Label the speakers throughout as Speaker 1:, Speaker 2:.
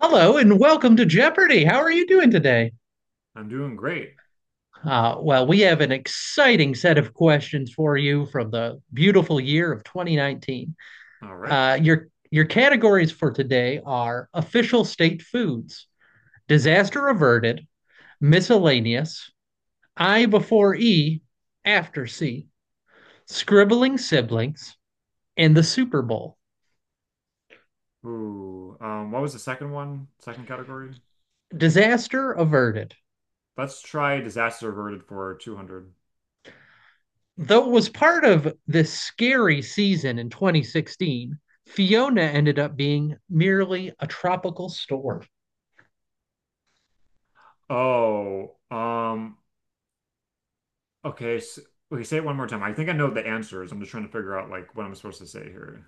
Speaker 1: Hello and welcome to Jeopardy! How are you doing today?
Speaker 2: I'm doing great.
Speaker 1: Well, we have an exciting set of questions for you from the beautiful year of 2019.
Speaker 2: All right.
Speaker 1: Your categories for today are official state foods, disaster averted, miscellaneous, I before E, after C, scribbling siblings, and the Super Bowl.
Speaker 2: Ooh, what was the second one? Second category?
Speaker 1: Disaster averted.
Speaker 2: Let's try disaster averted for 200.
Speaker 1: Though it was part of this scary season in 2016, Fiona ended up being merely a tropical storm.
Speaker 2: Oh, okay. s Okay, say it one more time. I think I know the answers. I'm just trying to figure out like what I'm supposed to say here.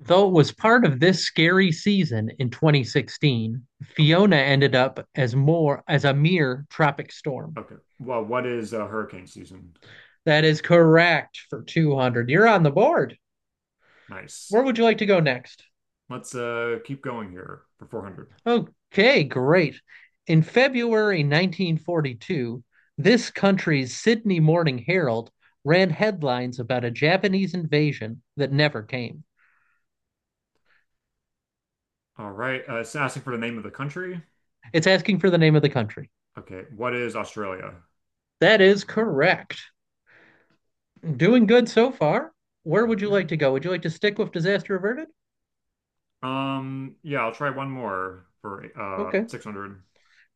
Speaker 1: Though it was part of this scary season in 2016,
Speaker 2: Okay.
Speaker 1: Fiona ended up as more as a mere tropic storm.
Speaker 2: Okay. Well, what is hurricane season?
Speaker 1: That is correct for 200. You're on the board.
Speaker 2: Nice.
Speaker 1: Where would you like to go next?
Speaker 2: Let's keep going here for 400.
Speaker 1: Okay, great. In February 1942, this country's Sydney Morning Herald ran headlines about a Japanese invasion that never came.
Speaker 2: All right. It's asking for the name of the country.
Speaker 1: It's asking for the name of the country.
Speaker 2: Okay. What is Australia?
Speaker 1: That is correct. Doing good so far. Where would you
Speaker 2: Okay.
Speaker 1: like to go? Would you like to stick with disaster averted?
Speaker 2: Yeah, I'll try one more for
Speaker 1: Okay.
Speaker 2: 600.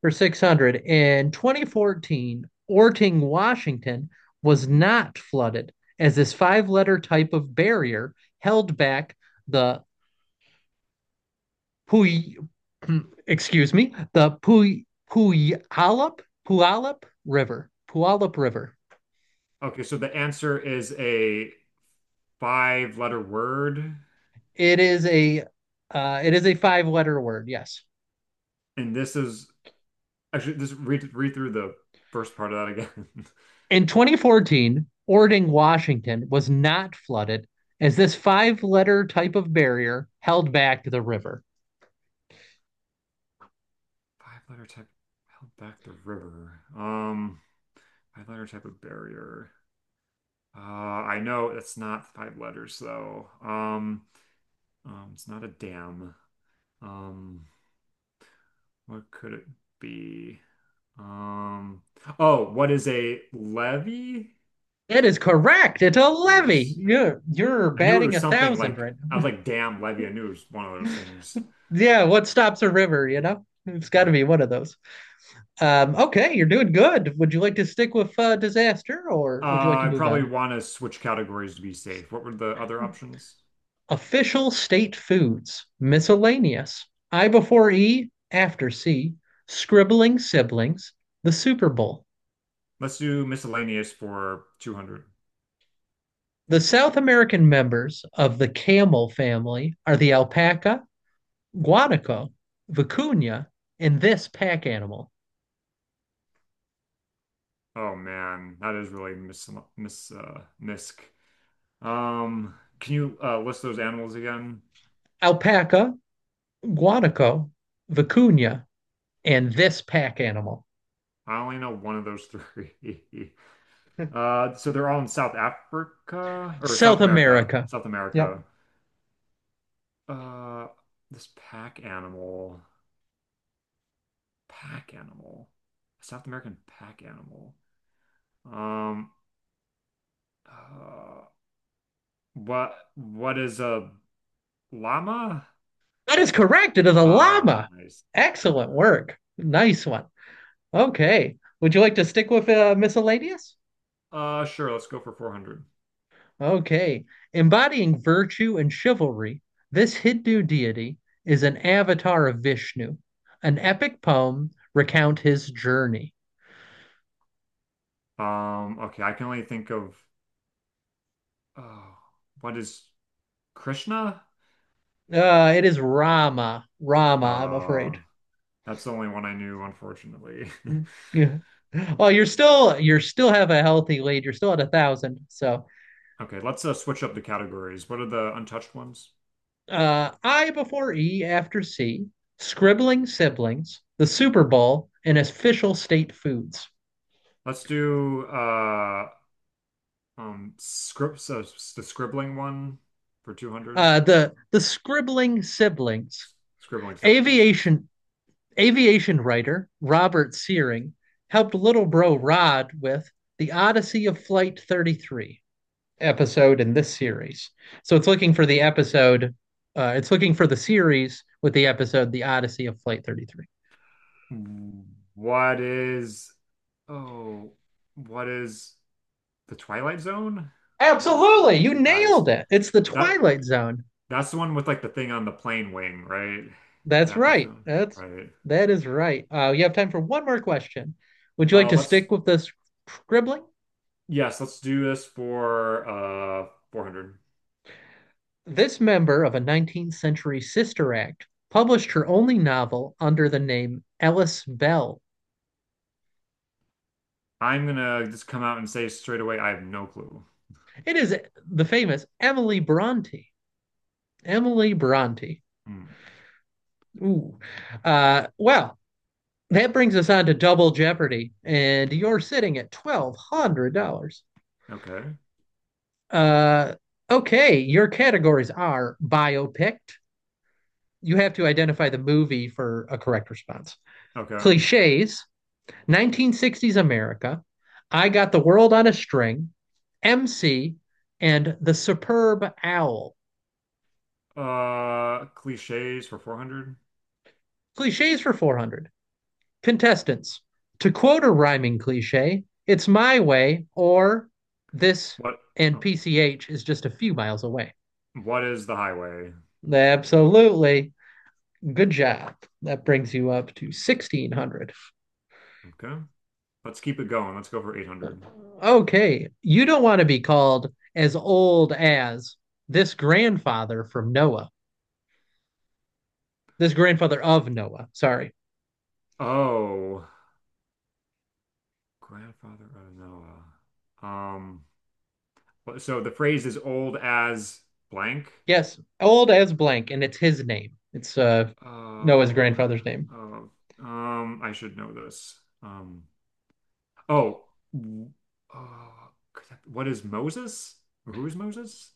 Speaker 1: For 600. In 2014, Orting, Washington was not flooded as this five letter type of barrier held back the Puy, excuse me, the Puyallup River. Puyallup River.
Speaker 2: Okay, so the answer is a five-letter word,
Speaker 1: It is a it is a five letter word. Yes.
Speaker 2: and this is actually just read through the first part of that again.
Speaker 1: In 2014, Ording, Washington was not flooded as this five letter type of barrier held back the river.
Speaker 2: Five-letter type held back the river. Five-letter type of barrier. I know it's not five letters though. It's not a dam. Um, what could it be? Um, oh, what is a levee?
Speaker 1: It is correct. It's a levee.
Speaker 2: Nice.
Speaker 1: You're
Speaker 2: I knew it
Speaker 1: batting
Speaker 2: was
Speaker 1: a
Speaker 2: something
Speaker 1: thousand
Speaker 2: like
Speaker 1: right
Speaker 2: I was
Speaker 1: now.
Speaker 2: like, damn, Levy, I knew it was one of those things.
Speaker 1: Yeah, what stops a river, you know? It's got to
Speaker 2: Right.
Speaker 1: be one of those. Okay, you're doing good. Would you like to stick with disaster or would you like to
Speaker 2: I
Speaker 1: move
Speaker 2: probably
Speaker 1: on?
Speaker 2: want to switch categories to be safe. What were the other
Speaker 1: Huh.
Speaker 2: options?
Speaker 1: Official state foods, miscellaneous. I before E, after C, scribbling siblings, the Super Bowl.
Speaker 2: Let's do miscellaneous for 200.
Speaker 1: The South American members of the camel family are the alpaca, guanaco, vicuña, and this pack animal.
Speaker 2: Oh man, that is really misc. Um, can you list those animals again?
Speaker 1: Alpaca, guanaco, vicuña, and this pack animal.
Speaker 2: I only know one of those three. So they're all in South Africa or
Speaker 1: South
Speaker 2: South America.
Speaker 1: America.
Speaker 2: South
Speaker 1: Yep.
Speaker 2: America. Uh, this pack animal. Pack animal. A South American pack animal. Um, uh, what is a llama?
Speaker 1: That is correct. It is a
Speaker 2: Ah,
Speaker 1: llama.
Speaker 2: nice. Okay.
Speaker 1: Excellent work. Nice one. Okay. Would you like to stick with miscellaneous?
Speaker 2: Sure. Let's go for 400.
Speaker 1: Okay. Embodying virtue and chivalry, this Hindu deity is an avatar of Vishnu. An epic poem recount his journey.
Speaker 2: Okay. I can only think of, oh, what is Krishna?
Speaker 1: It is Rama. Rama, I'm
Speaker 2: Uh,
Speaker 1: afraid.
Speaker 2: that's the only one I knew, unfortunately.
Speaker 1: Yeah. Well, you're still have a healthy lead. You're still at a thousand. So
Speaker 2: Okay. Let's switch up the categories. What are the untouched ones?
Speaker 1: I before E after C, scribbling siblings, the Super Bowl, and official state foods.
Speaker 2: Let's do scripts the scribbling one for 200.
Speaker 1: The scribbling siblings,
Speaker 2: Scribbling siblings, yes.
Speaker 1: aviation aviation writer Robert Searing helped little bro Rod with the Odyssey of Flight 33 episode in this series. So it's looking for the episode. It's looking for the series with the episode The Odyssey of Flight 33.
Speaker 2: What is, oh, what is the Twilight Zone?
Speaker 1: Absolutely, you
Speaker 2: Nice.
Speaker 1: nailed it. It's the
Speaker 2: That
Speaker 1: Twilight Zone.
Speaker 2: that's the one with like the thing on the plane wing, right?
Speaker 1: That's
Speaker 2: That
Speaker 1: right.
Speaker 2: person, right?
Speaker 1: That is right. You have time for one more question. Would you like to
Speaker 2: Let's
Speaker 1: stick with this scribbling?
Speaker 2: Yes, let's do this for 400.
Speaker 1: This member of a 19th century sister act published her only novel under the name Ellis Bell.
Speaker 2: I'm gonna just come out and say straight away, I have no clue.
Speaker 1: It is the famous Emily Bronte. Emily Bronte.
Speaker 2: Hmm.
Speaker 1: Ooh. Well, that brings us on to Double Jeopardy, and you're sitting at $1,200.
Speaker 2: Okay,
Speaker 1: Uh, okay, your categories are biopic, you have to identify the movie for a correct response.
Speaker 2: okay.
Speaker 1: Cliches, 1960s America, I Got the World on a String, MC, and The Superb Owl.
Speaker 2: Cliches for 400.
Speaker 1: Cliches for 400. Contestants, to quote a rhyming cliche, it's my way or this,
Speaker 2: What?
Speaker 1: and
Speaker 2: Oh,
Speaker 1: PCH is just a few miles away.
Speaker 2: what is the highway?
Speaker 1: Absolutely. Good job. That brings you up to 1600.
Speaker 2: Okay. Let's keep it going. Let's go for 800.
Speaker 1: Okay, you don't want to be called as old as this grandfather from Noah, this grandfather of Noah. Sorry.
Speaker 2: Oh, grandfather of Noah. So the phrase is old as blank.
Speaker 1: Yes, old as blank, and it's his name. It's Noah's
Speaker 2: Oh,
Speaker 1: grandfather's name.
Speaker 2: oh, I should know this. Oh, oh, what is Moses? Who is Moses?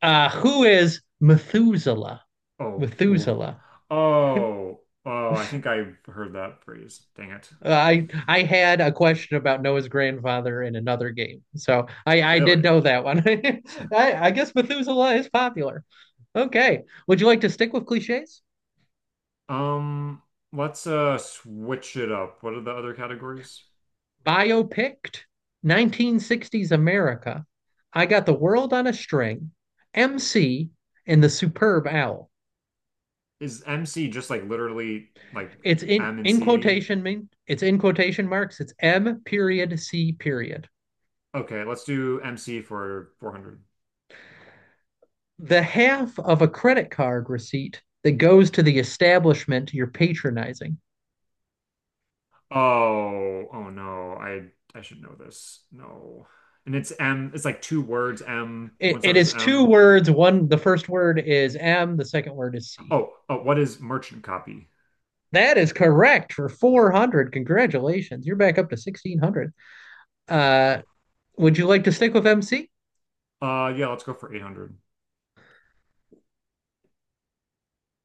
Speaker 1: Who is Methuselah?
Speaker 2: Oh, oh,
Speaker 1: Methuselah.
Speaker 2: oh, oh, I think I heard that phrase. Dang it.
Speaker 1: I had a question about Noah's grandfather in another game, so I did
Speaker 2: Really?
Speaker 1: know that one. I guess Methuselah is popular. Okay, would you like to stick with cliches?
Speaker 2: Um, let's switch it up. What are the other categories?
Speaker 1: Biopicked, 1960s America, I Got the World on a String, MC, and The Superb Owl.
Speaker 2: Is MC just like literally like
Speaker 1: It's in
Speaker 2: M and
Speaker 1: in
Speaker 2: C?
Speaker 1: quotation, mean, it's in quotation marks. It's M period C period.
Speaker 2: Okay, let's do MC for 400.
Speaker 1: The half of a credit card receipt that goes to the establishment you're patronizing.
Speaker 2: Oh, oh no. I should know this. No. And it's M, it's like two words, M,
Speaker 1: It,
Speaker 2: one
Speaker 1: it
Speaker 2: starts
Speaker 1: is
Speaker 2: with
Speaker 1: two
Speaker 2: M.
Speaker 1: words. One, the first word is M. The second word is C.
Speaker 2: Oh, oh, what is merchant copy?
Speaker 1: That is correct for
Speaker 2: Right.
Speaker 1: 400. Congratulations. You're back up to 1600.
Speaker 2: Oof.
Speaker 1: Uh, Would you like to stick with MC?
Speaker 2: Yeah, let's go for 800.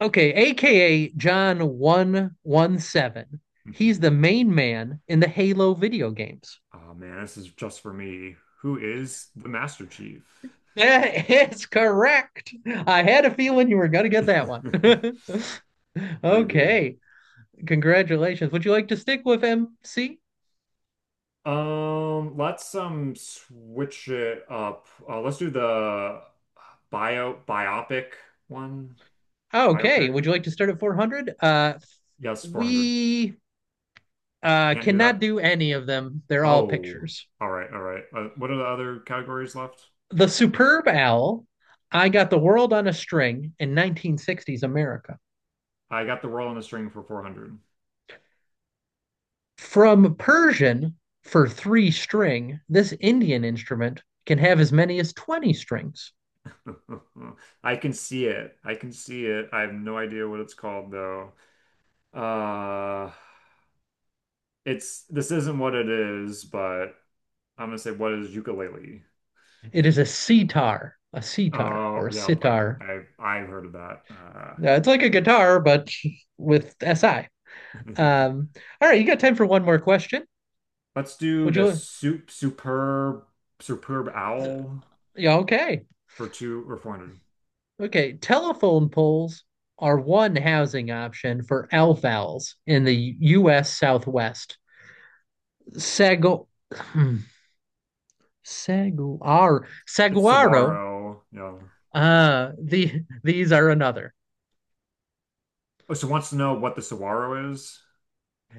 Speaker 1: Okay, aka John 117. He's the main man in the Halo video games.
Speaker 2: Oh man, this is just for me. Who is the Master Chief?
Speaker 1: That is correct. I had a feeling you were going to get that one.
Speaker 2: Freebie.
Speaker 1: Okay, congratulations. Would you like to stick with MC?
Speaker 2: Let's switch it up. Let's do the biopic one.
Speaker 1: Okay,
Speaker 2: Biopic.
Speaker 1: would you like to start at 400?
Speaker 2: Yes, 400.
Speaker 1: We
Speaker 2: Can't do
Speaker 1: cannot
Speaker 2: that.
Speaker 1: do any of them. They're all
Speaker 2: Oh,
Speaker 1: pictures.
Speaker 2: all right, all right. What are the other categories left?
Speaker 1: The Superb Owl, I Got the World on a String in 1960s America.
Speaker 2: I got the world on a string for 400.
Speaker 1: From Persian for three string, this Indian instrument can have as many as 20 strings.
Speaker 2: I can see it. I can see it. I have no idea what it's called though. Uh, it's This isn't what it is, but I'm gonna say what is ukulele?
Speaker 1: It is a sitar or
Speaker 2: Oh,
Speaker 1: a
Speaker 2: yeah,
Speaker 1: sitar.
Speaker 2: I've heard of that.
Speaker 1: It's like a guitar, but with SI. Um, all right, you got time for one more question?
Speaker 2: Let's do
Speaker 1: Would
Speaker 2: the
Speaker 1: you?
Speaker 2: soup superb superb
Speaker 1: uh,
Speaker 2: owl
Speaker 1: Yeah, okay.
Speaker 2: for two or four hundred.
Speaker 1: Okay, telephone poles are one housing option for elf owls in the U.S. Southwest. Sago, saguaro,
Speaker 2: It's
Speaker 1: saguaro.
Speaker 2: saguaro, you
Speaker 1: These are another.
Speaker 2: oh, so wants to know what the saguaro is.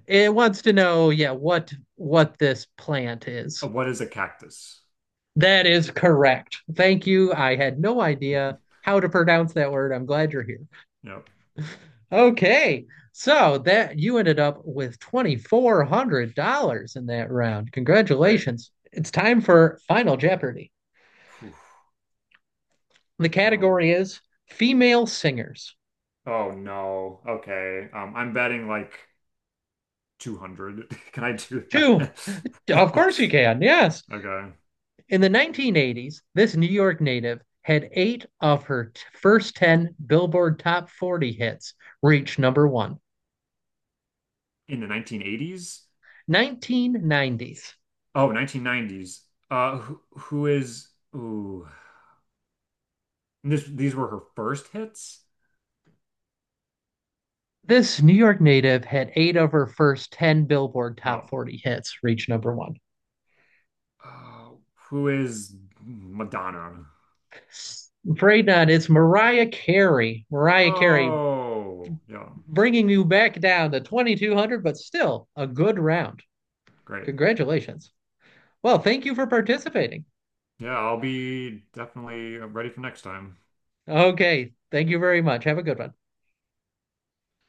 Speaker 1: It wants to know, yeah, what this plant is.
Speaker 2: What is a cactus?
Speaker 1: That is correct. Thank you. I had no idea how to pronounce that word. I'm glad you're here.
Speaker 2: Yep,
Speaker 1: Okay. So that you ended up with $2,400 in that round.
Speaker 2: great.
Speaker 1: Congratulations. It's time for Final Jeopardy.
Speaker 2: Phew.
Speaker 1: The
Speaker 2: Um,
Speaker 1: category is female singers.
Speaker 2: oh no. Okay. I'm betting like 200. Can I do
Speaker 1: Two.
Speaker 2: that?
Speaker 1: Of course you can. Yes.
Speaker 2: Okay.
Speaker 1: In the 1980s, this New York native had eight of her first 10 Billboard Top 40 hits reach number one.
Speaker 2: In the 1980s?
Speaker 1: 1990s.
Speaker 2: Oh, 1990s. Who is? Ooh, these were her first hits.
Speaker 1: This New York native had eight of her first 10 Billboard Top
Speaker 2: Oh,
Speaker 1: 40 hits reach number one.
Speaker 2: uh, who is Madonna?
Speaker 1: I'm afraid not. It's Mariah Carey. Mariah Carey
Speaker 2: Oh, yeah,
Speaker 1: bringing you back down to 2200, but still a good round.
Speaker 2: great.
Speaker 1: Congratulations. Well, thank you for participating.
Speaker 2: Yeah, I'll be definitely ready for next time.
Speaker 1: Okay. Thank you very much. Have a good one.